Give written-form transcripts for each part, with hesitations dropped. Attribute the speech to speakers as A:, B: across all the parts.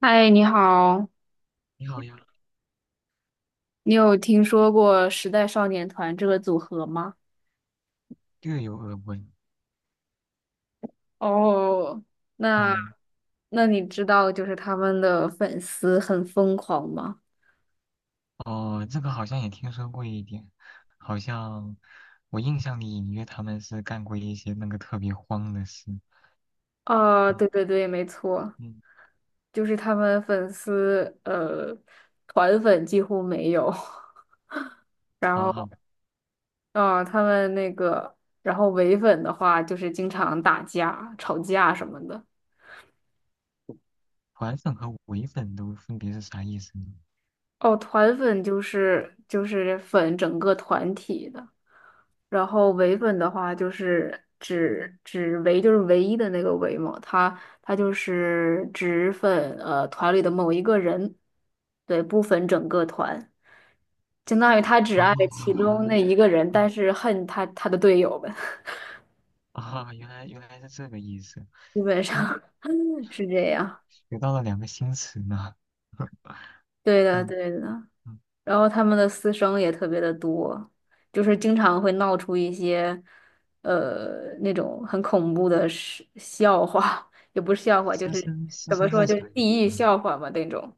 A: 嗨，你好，
B: 你好呀，
A: 你有听说过时代少年团这个组合吗？
B: 略有耳闻。
A: 哦，那
B: 嗯，
A: 那你知道他们的粉丝很疯狂吗？
B: 哦，这个好像也听说过一点，好像我印象里隐约他们是干过一些那个特别荒的事。
A: 啊，
B: 嗯
A: 对对对，没错，
B: 嗯，
A: 就是他们粉丝团粉几乎没有，然
B: 好
A: 后
B: 好，
A: 啊，他们那个，然后唯粉的话就是经常打架、吵架什么的。
B: 团粉和伪粉都分别是啥意思呢？
A: 哦，团粉就是粉整个团体的。然后唯粉的话就是唯一的那个唯嘛，他就是只粉团里的某一个人，对，不粉整个团，相当于他只
B: 哦，
A: 爱其
B: 原
A: 中
B: 来，
A: 那一个人，
B: 啊
A: 但是恨他的队友们，
B: 啊，原来原来是这个意思。
A: 基本
B: 那
A: 上是这样。
B: 学到了两个新词呢。
A: 对的，
B: 嗯
A: 对的。
B: 嗯，
A: 然后他们的私生也特别的多，就是经常会闹出一些，那种很恐怖的事笑话，也不是笑话，就
B: 师
A: 是
B: 生师
A: 怎么
B: 生
A: 说，
B: 是
A: 就是
B: 啥意思
A: 地狱
B: 呢？
A: 笑话嘛那种。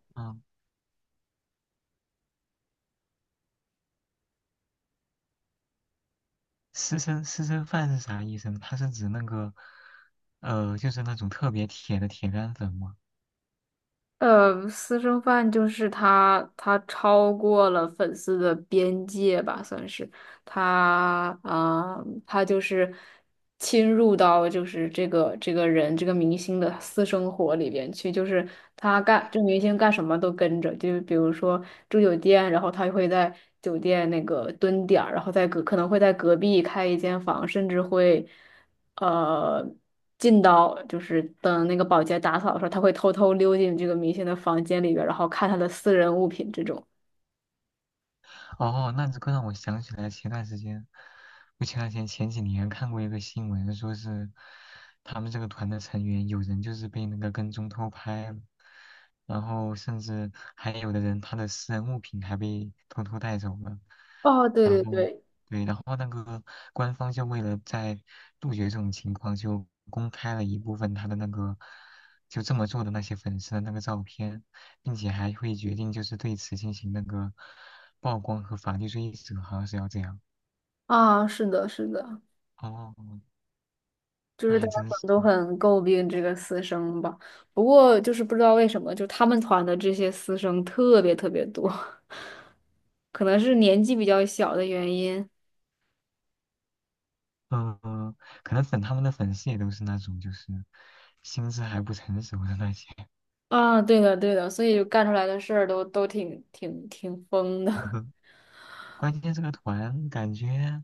B: 私生私生饭是啥意思呢？它是指那个，就是那种特别铁的铁杆粉吗？
A: 呃，私生饭就是他，他超过了粉丝的边界吧，算是他啊、他就是侵入到这个人这个明星的私生活里边去，就是他干这个明星干什么都跟着，就是比如说住酒店，然后他会在酒店那个蹲点儿，然后可能会在隔壁开一间房，甚至会。呃进到就是等那个保洁打扫的时候，他会偷偷溜进这个明星的房间里边然后看他的私人物品这种。
B: 哦，那这个让我想起来前段时间，不前段时间前几年看过一个新闻，说是他们这个团的成员有人就是被那个跟踪偷拍了，然后甚至还有的人他的私人物品还被偷偷带走了，
A: 哦，对
B: 然
A: 对
B: 后
A: 对，
B: 对，然后那个官方就为了在杜绝这种情况，就公开了一部分他的那个就这么做的那些粉丝的那个照片。并且还会决定就是对此进行那个曝光和法律追责，好像是要这样。
A: 啊，是的，是的，
B: 哦，
A: 就
B: 那
A: 是大
B: 还
A: 家
B: 真
A: 可
B: 是，
A: 能都很诟病这个私生吧。不过就是不知道为什么，就他们团的这些私生特别特别多，可能是年纪比较小的原因。
B: 嗯、呃，可能粉他们的粉丝也都是那种就是心智还不成熟的那些。
A: 啊，对的对的，所以就干出来的事儿都挺疯的，
B: 关键这个团感觉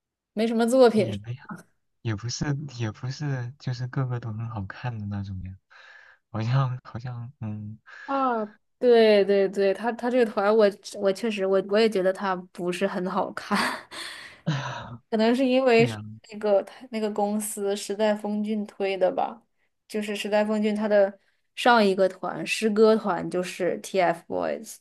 A: 没什么作
B: 也
A: 品。
B: 没有，也不是也不是就是个个都很好看的那种呀，好像好像嗯，
A: 啊，对对对，他这个团我确实我也觉得他不是很好看，可能是因
B: 对
A: 为是
B: 呀、
A: 那个他那个公司时代峰峻推的吧，就是时代峰峻他的上一个团诗歌团就是 TFBOYS。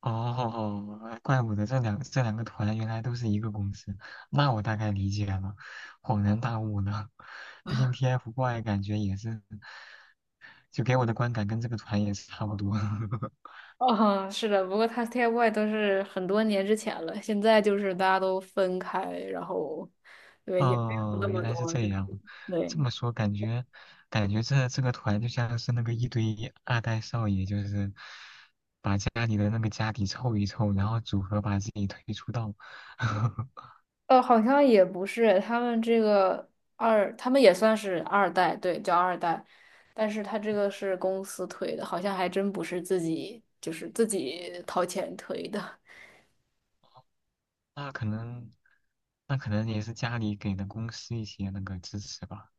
B: 哦，怪不得这两个团原来都是一个公司，那我大概理解了，恍然大悟呢。毕竟 TFBOYS 感觉也是，就给我的观感跟这个团也是差不多。
A: 啊，是的，不过他 TFBOYS 都是很多年之前了，现在就是大家都分开，然后对也没有那
B: 哦，
A: 么
B: 原来是
A: 多，
B: 这
A: 就是
B: 样，
A: 对。
B: 这么说感觉感觉这个团就像是那个一堆二代少爷，就是把家里的那个家底凑一凑，然后组合把自己推出道。
A: 呃，好像也不是，他们这个二，他们也算是二代，对，叫二代，但是他这个是公司推的，好像还真不是自己，就是自己掏钱推的。
B: 那可能那可能也是家里给的公司一些那个支持吧。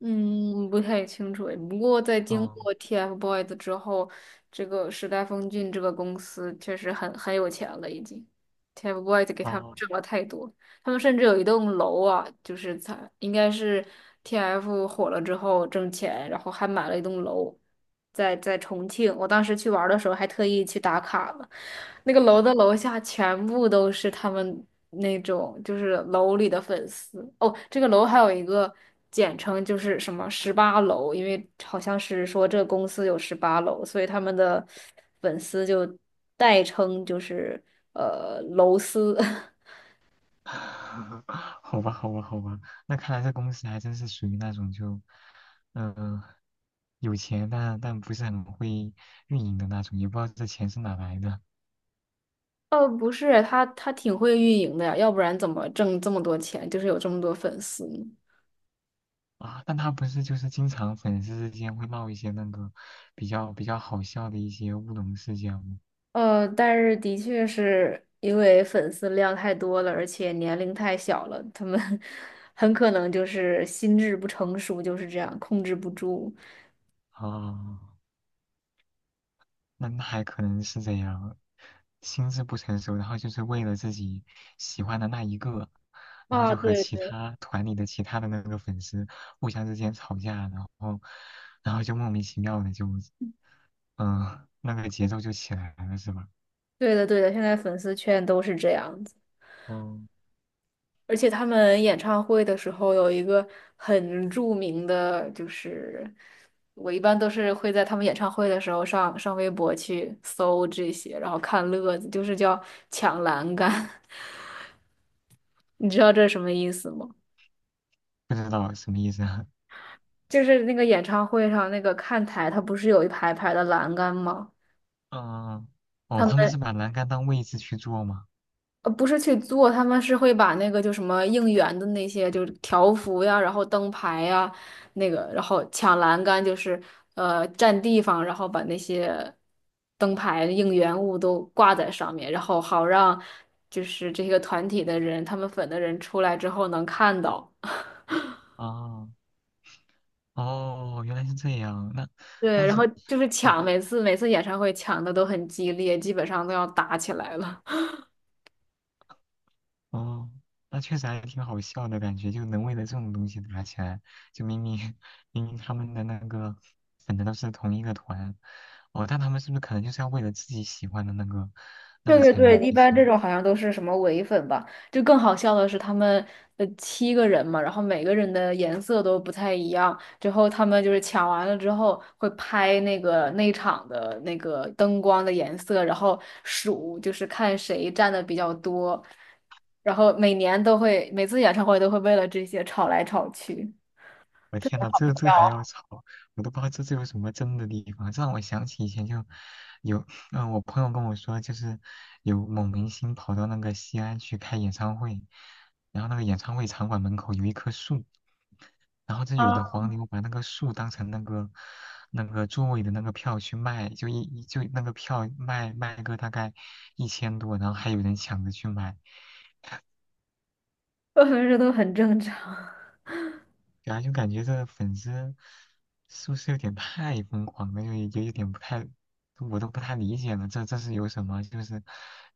A: 嗯，不太清楚诶。不过在经
B: 嗯，
A: 过 TFBOYS 之后，这个时代峰峻这个公司确实很有钱了，已经。TFBOYS 给他们
B: 哦，
A: 挣了太多。他们甚至有一栋楼啊，就是才应该是 TF 火了之后挣钱，然后还买了一栋楼，在重庆。我当时去玩儿的时候还特意去打卡了，那个楼的楼下全部都是他们那种就是楼里的粉丝。哦，这个楼还有一个简称就是什么十八楼，因为好像是说这个公司有十八楼，所以他们的粉丝就代称就是楼丝。
B: 好吧，好吧，好吧，那看来这公司还真是属于那种就，嗯、有钱但不是很会运营的那种，也不知道这钱是哪来的
A: 呃，不是，他他挺会运营的呀，要不然怎么挣这么多钱，就是有这么多粉丝呢
B: 啊。但他不是就是经常粉丝之间会闹一些那个比较好笑的一些乌龙事件吗？
A: 但是的确是因为粉丝量太多了，而且年龄太小了，他们 很可能就是心智不成熟，就是这样控制不住。
B: 啊。那还可能是这样，心智不成熟，然后就是为了自己喜欢的那一个，然后
A: 啊，
B: 就和
A: 对
B: 其
A: 对，
B: 他团里的其他的那个粉丝互相之间吵架，然后，然后就莫名其妙的就，嗯、那个节奏就起来了，是吧？
A: 对的对的，现在粉丝圈都是这样子。
B: 嗯，
A: 而且他们演唱会的时候有一个很著名的，就是我一般都是会在他们演唱会的时候上微博去搜这些，然后看乐子，就是叫抢栏杆。你知道这是什么意思吗？
B: 不知道什么意思啊？
A: 就是那个演唱会上那个看台，它不是有一排排的栏杆吗？
B: 嗯，哦，
A: 他们
B: 他们是把栏杆当位置去做吗？
A: 呃，不是去做，他们是会把那个就什么应援的那些，就是条幅呀，然后灯牌呀，那个，然后抢栏杆，就是占地方，然后把那些灯牌应援物都挂在上面，然后好让就是这个团体的人，他们粉的人出来之后能看到。
B: 哦，哦，原来是这样，那，
A: 对，
B: 但
A: 然
B: 是。
A: 后就是
B: 嗯
A: 抢，每次演唱会抢的都很激烈，基本上都要打起来了。
B: 哦，那确实还挺好笑的感觉，就能为了这种东西打起来，就明明 明明他们的那个粉的都是同一个团，哦，但他们是不是可能就是要为了自己喜欢的那个那
A: 对
B: 个
A: 对
B: 成
A: 对，
B: 员
A: 一
B: 去
A: 般这
B: 抢？
A: 种好像都是什么伪粉吧。就更好笑的是，他们七个人嘛，然后每个人的颜色都不太一样。之后他们就是抢完了之后会拍那个内场的那个灯光的颜色，然后数就是看谁占的比较多。然后每年都会，每次演唱会都会为了这些吵来吵去，
B: 我
A: 特别
B: 天呐，
A: 搞
B: 这还要吵，我都不知道这有什么争的地方。这让我想起以前就有，我朋友跟我说，就是有某明星跑到那个西安去开演唱会，然后那个演唱会场馆门口有一棵树，然后这
A: 笑，
B: 有 的
A: 啊，
B: 黄牛把那个树当成那个那个座位的那个票去卖，就一就那个票卖卖个大概一千多，然后还有人抢着去买，
A: 我觉得都很正常。
B: 然后就感觉这粉丝是不是有点太疯狂了，就就有点不太，我都不太理解了，这是有什么，就是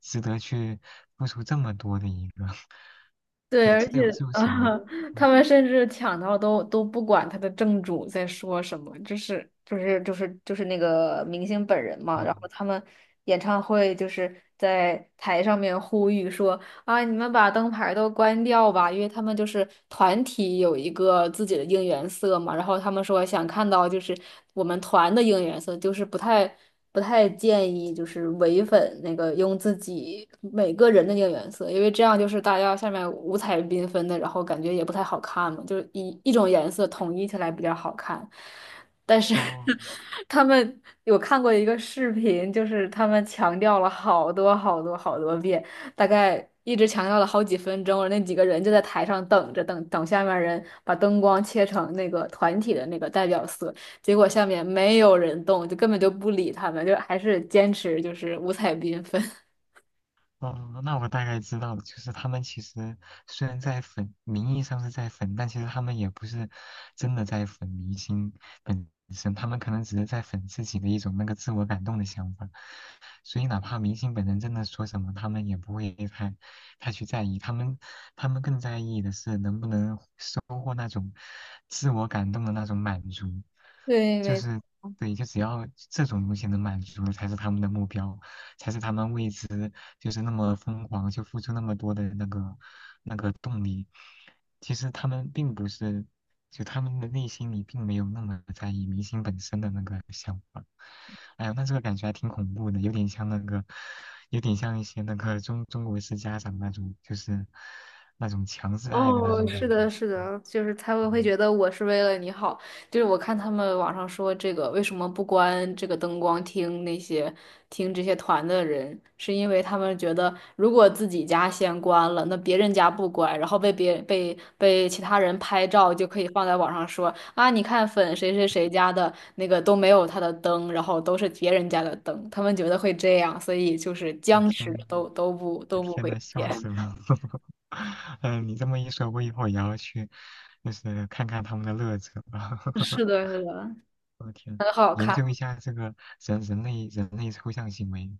B: 值得去付出这么多的一个，
A: 对，
B: 就
A: 而
B: 这
A: 且
B: 有这有什么，
A: 啊，他
B: 嗯
A: 们甚至抢到都都不管他的正主在说什么，就是那个明星本人嘛。然后
B: 哦
A: 他们演唱会就是在台上面呼吁说啊，你们把灯牌都关掉吧，因为他们就是团体有一个自己的应援色嘛，然后他们说想看到就是我们团的应援色，不太建议就是唯粉那个用自己每个人的应援色，因为这样就是大家下面五彩缤纷的，然后感觉也不太好看嘛，就是一种颜色统一起来比较好看。但是
B: 哦
A: 他们有看过一个视频，就是他们强调了好多好多好多遍。大概一直强调了好几分钟，那几个人就在台上等着，等下面人把灯光切成那个团体的那个代表色，结果下面没有人动，就根本就不理他们，就还是坚持就是五彩缤纷。
B: 哦，那我大概知道了，就是他们其实虽然在粉，名义上是在粉，但其实他们也不是真的在粉明星本身，他们可能只是在粉自己的一种那个自我感动的想法。所以哪怕明星本人真的说什么，他们也不会太去在意，他们更在意的是能不能收获那种自我感动的那种满足，
A: 对，
B: 就
A: 没
B: 是对，就只要这种东西能满足，才是他们的目标，才是他们为之就是那么疯狂，就付出那么多的那个那个动力。其实他们并不是就他们的内心里并没有那么在意明星本身的那个想法。哎呀，那这个感觉还挺恐怖的，有点像那个，有点像一些那个中国式家长那种，就是那种强制爱的那
A: 哦，
B: 种
A: 是
B: 感
A: 的，
B: 觉。
A: 是的，就是他们会
B: 嗯，
A: 觉得我是为了你好。就是我看他们网上说这个为什么不关这个灯光听那些听这些团的人，是因为他们觉得如果自己家先关了，那别人家不关，然后被别被其他人拍照就可以放在网上说啊，你看粉谁谁谁家的那个都没有他的灯，然后都是别人家的灯，他们觉得会这样，所以就是
B: 我
A: 僵持
B: 天
A: 着
B: 呐，
A: 都不
B: 我天
A: 会
B: 呐，笑
A: 变。
B: 死 了。嗯，你这么一说，我以后也要去，就是看看他们的乐子了。
A: 是 的，是的，
B: 我天，
A: 很好
B: 研
A: 看。
B: 究一下这个人类抽象行为，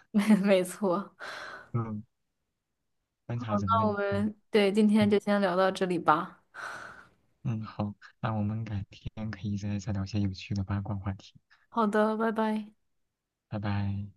A: 没错。
B: 嗯，观察人类，
A: 那我
B: 嗯
A: 们对今天
B: 嗯。
A: 就先聊到这里吧。
B: 嗯，好，那我们改天可以再聊些有趣的八卦话题，
A: 好的，拜拜。
B: 拜拜。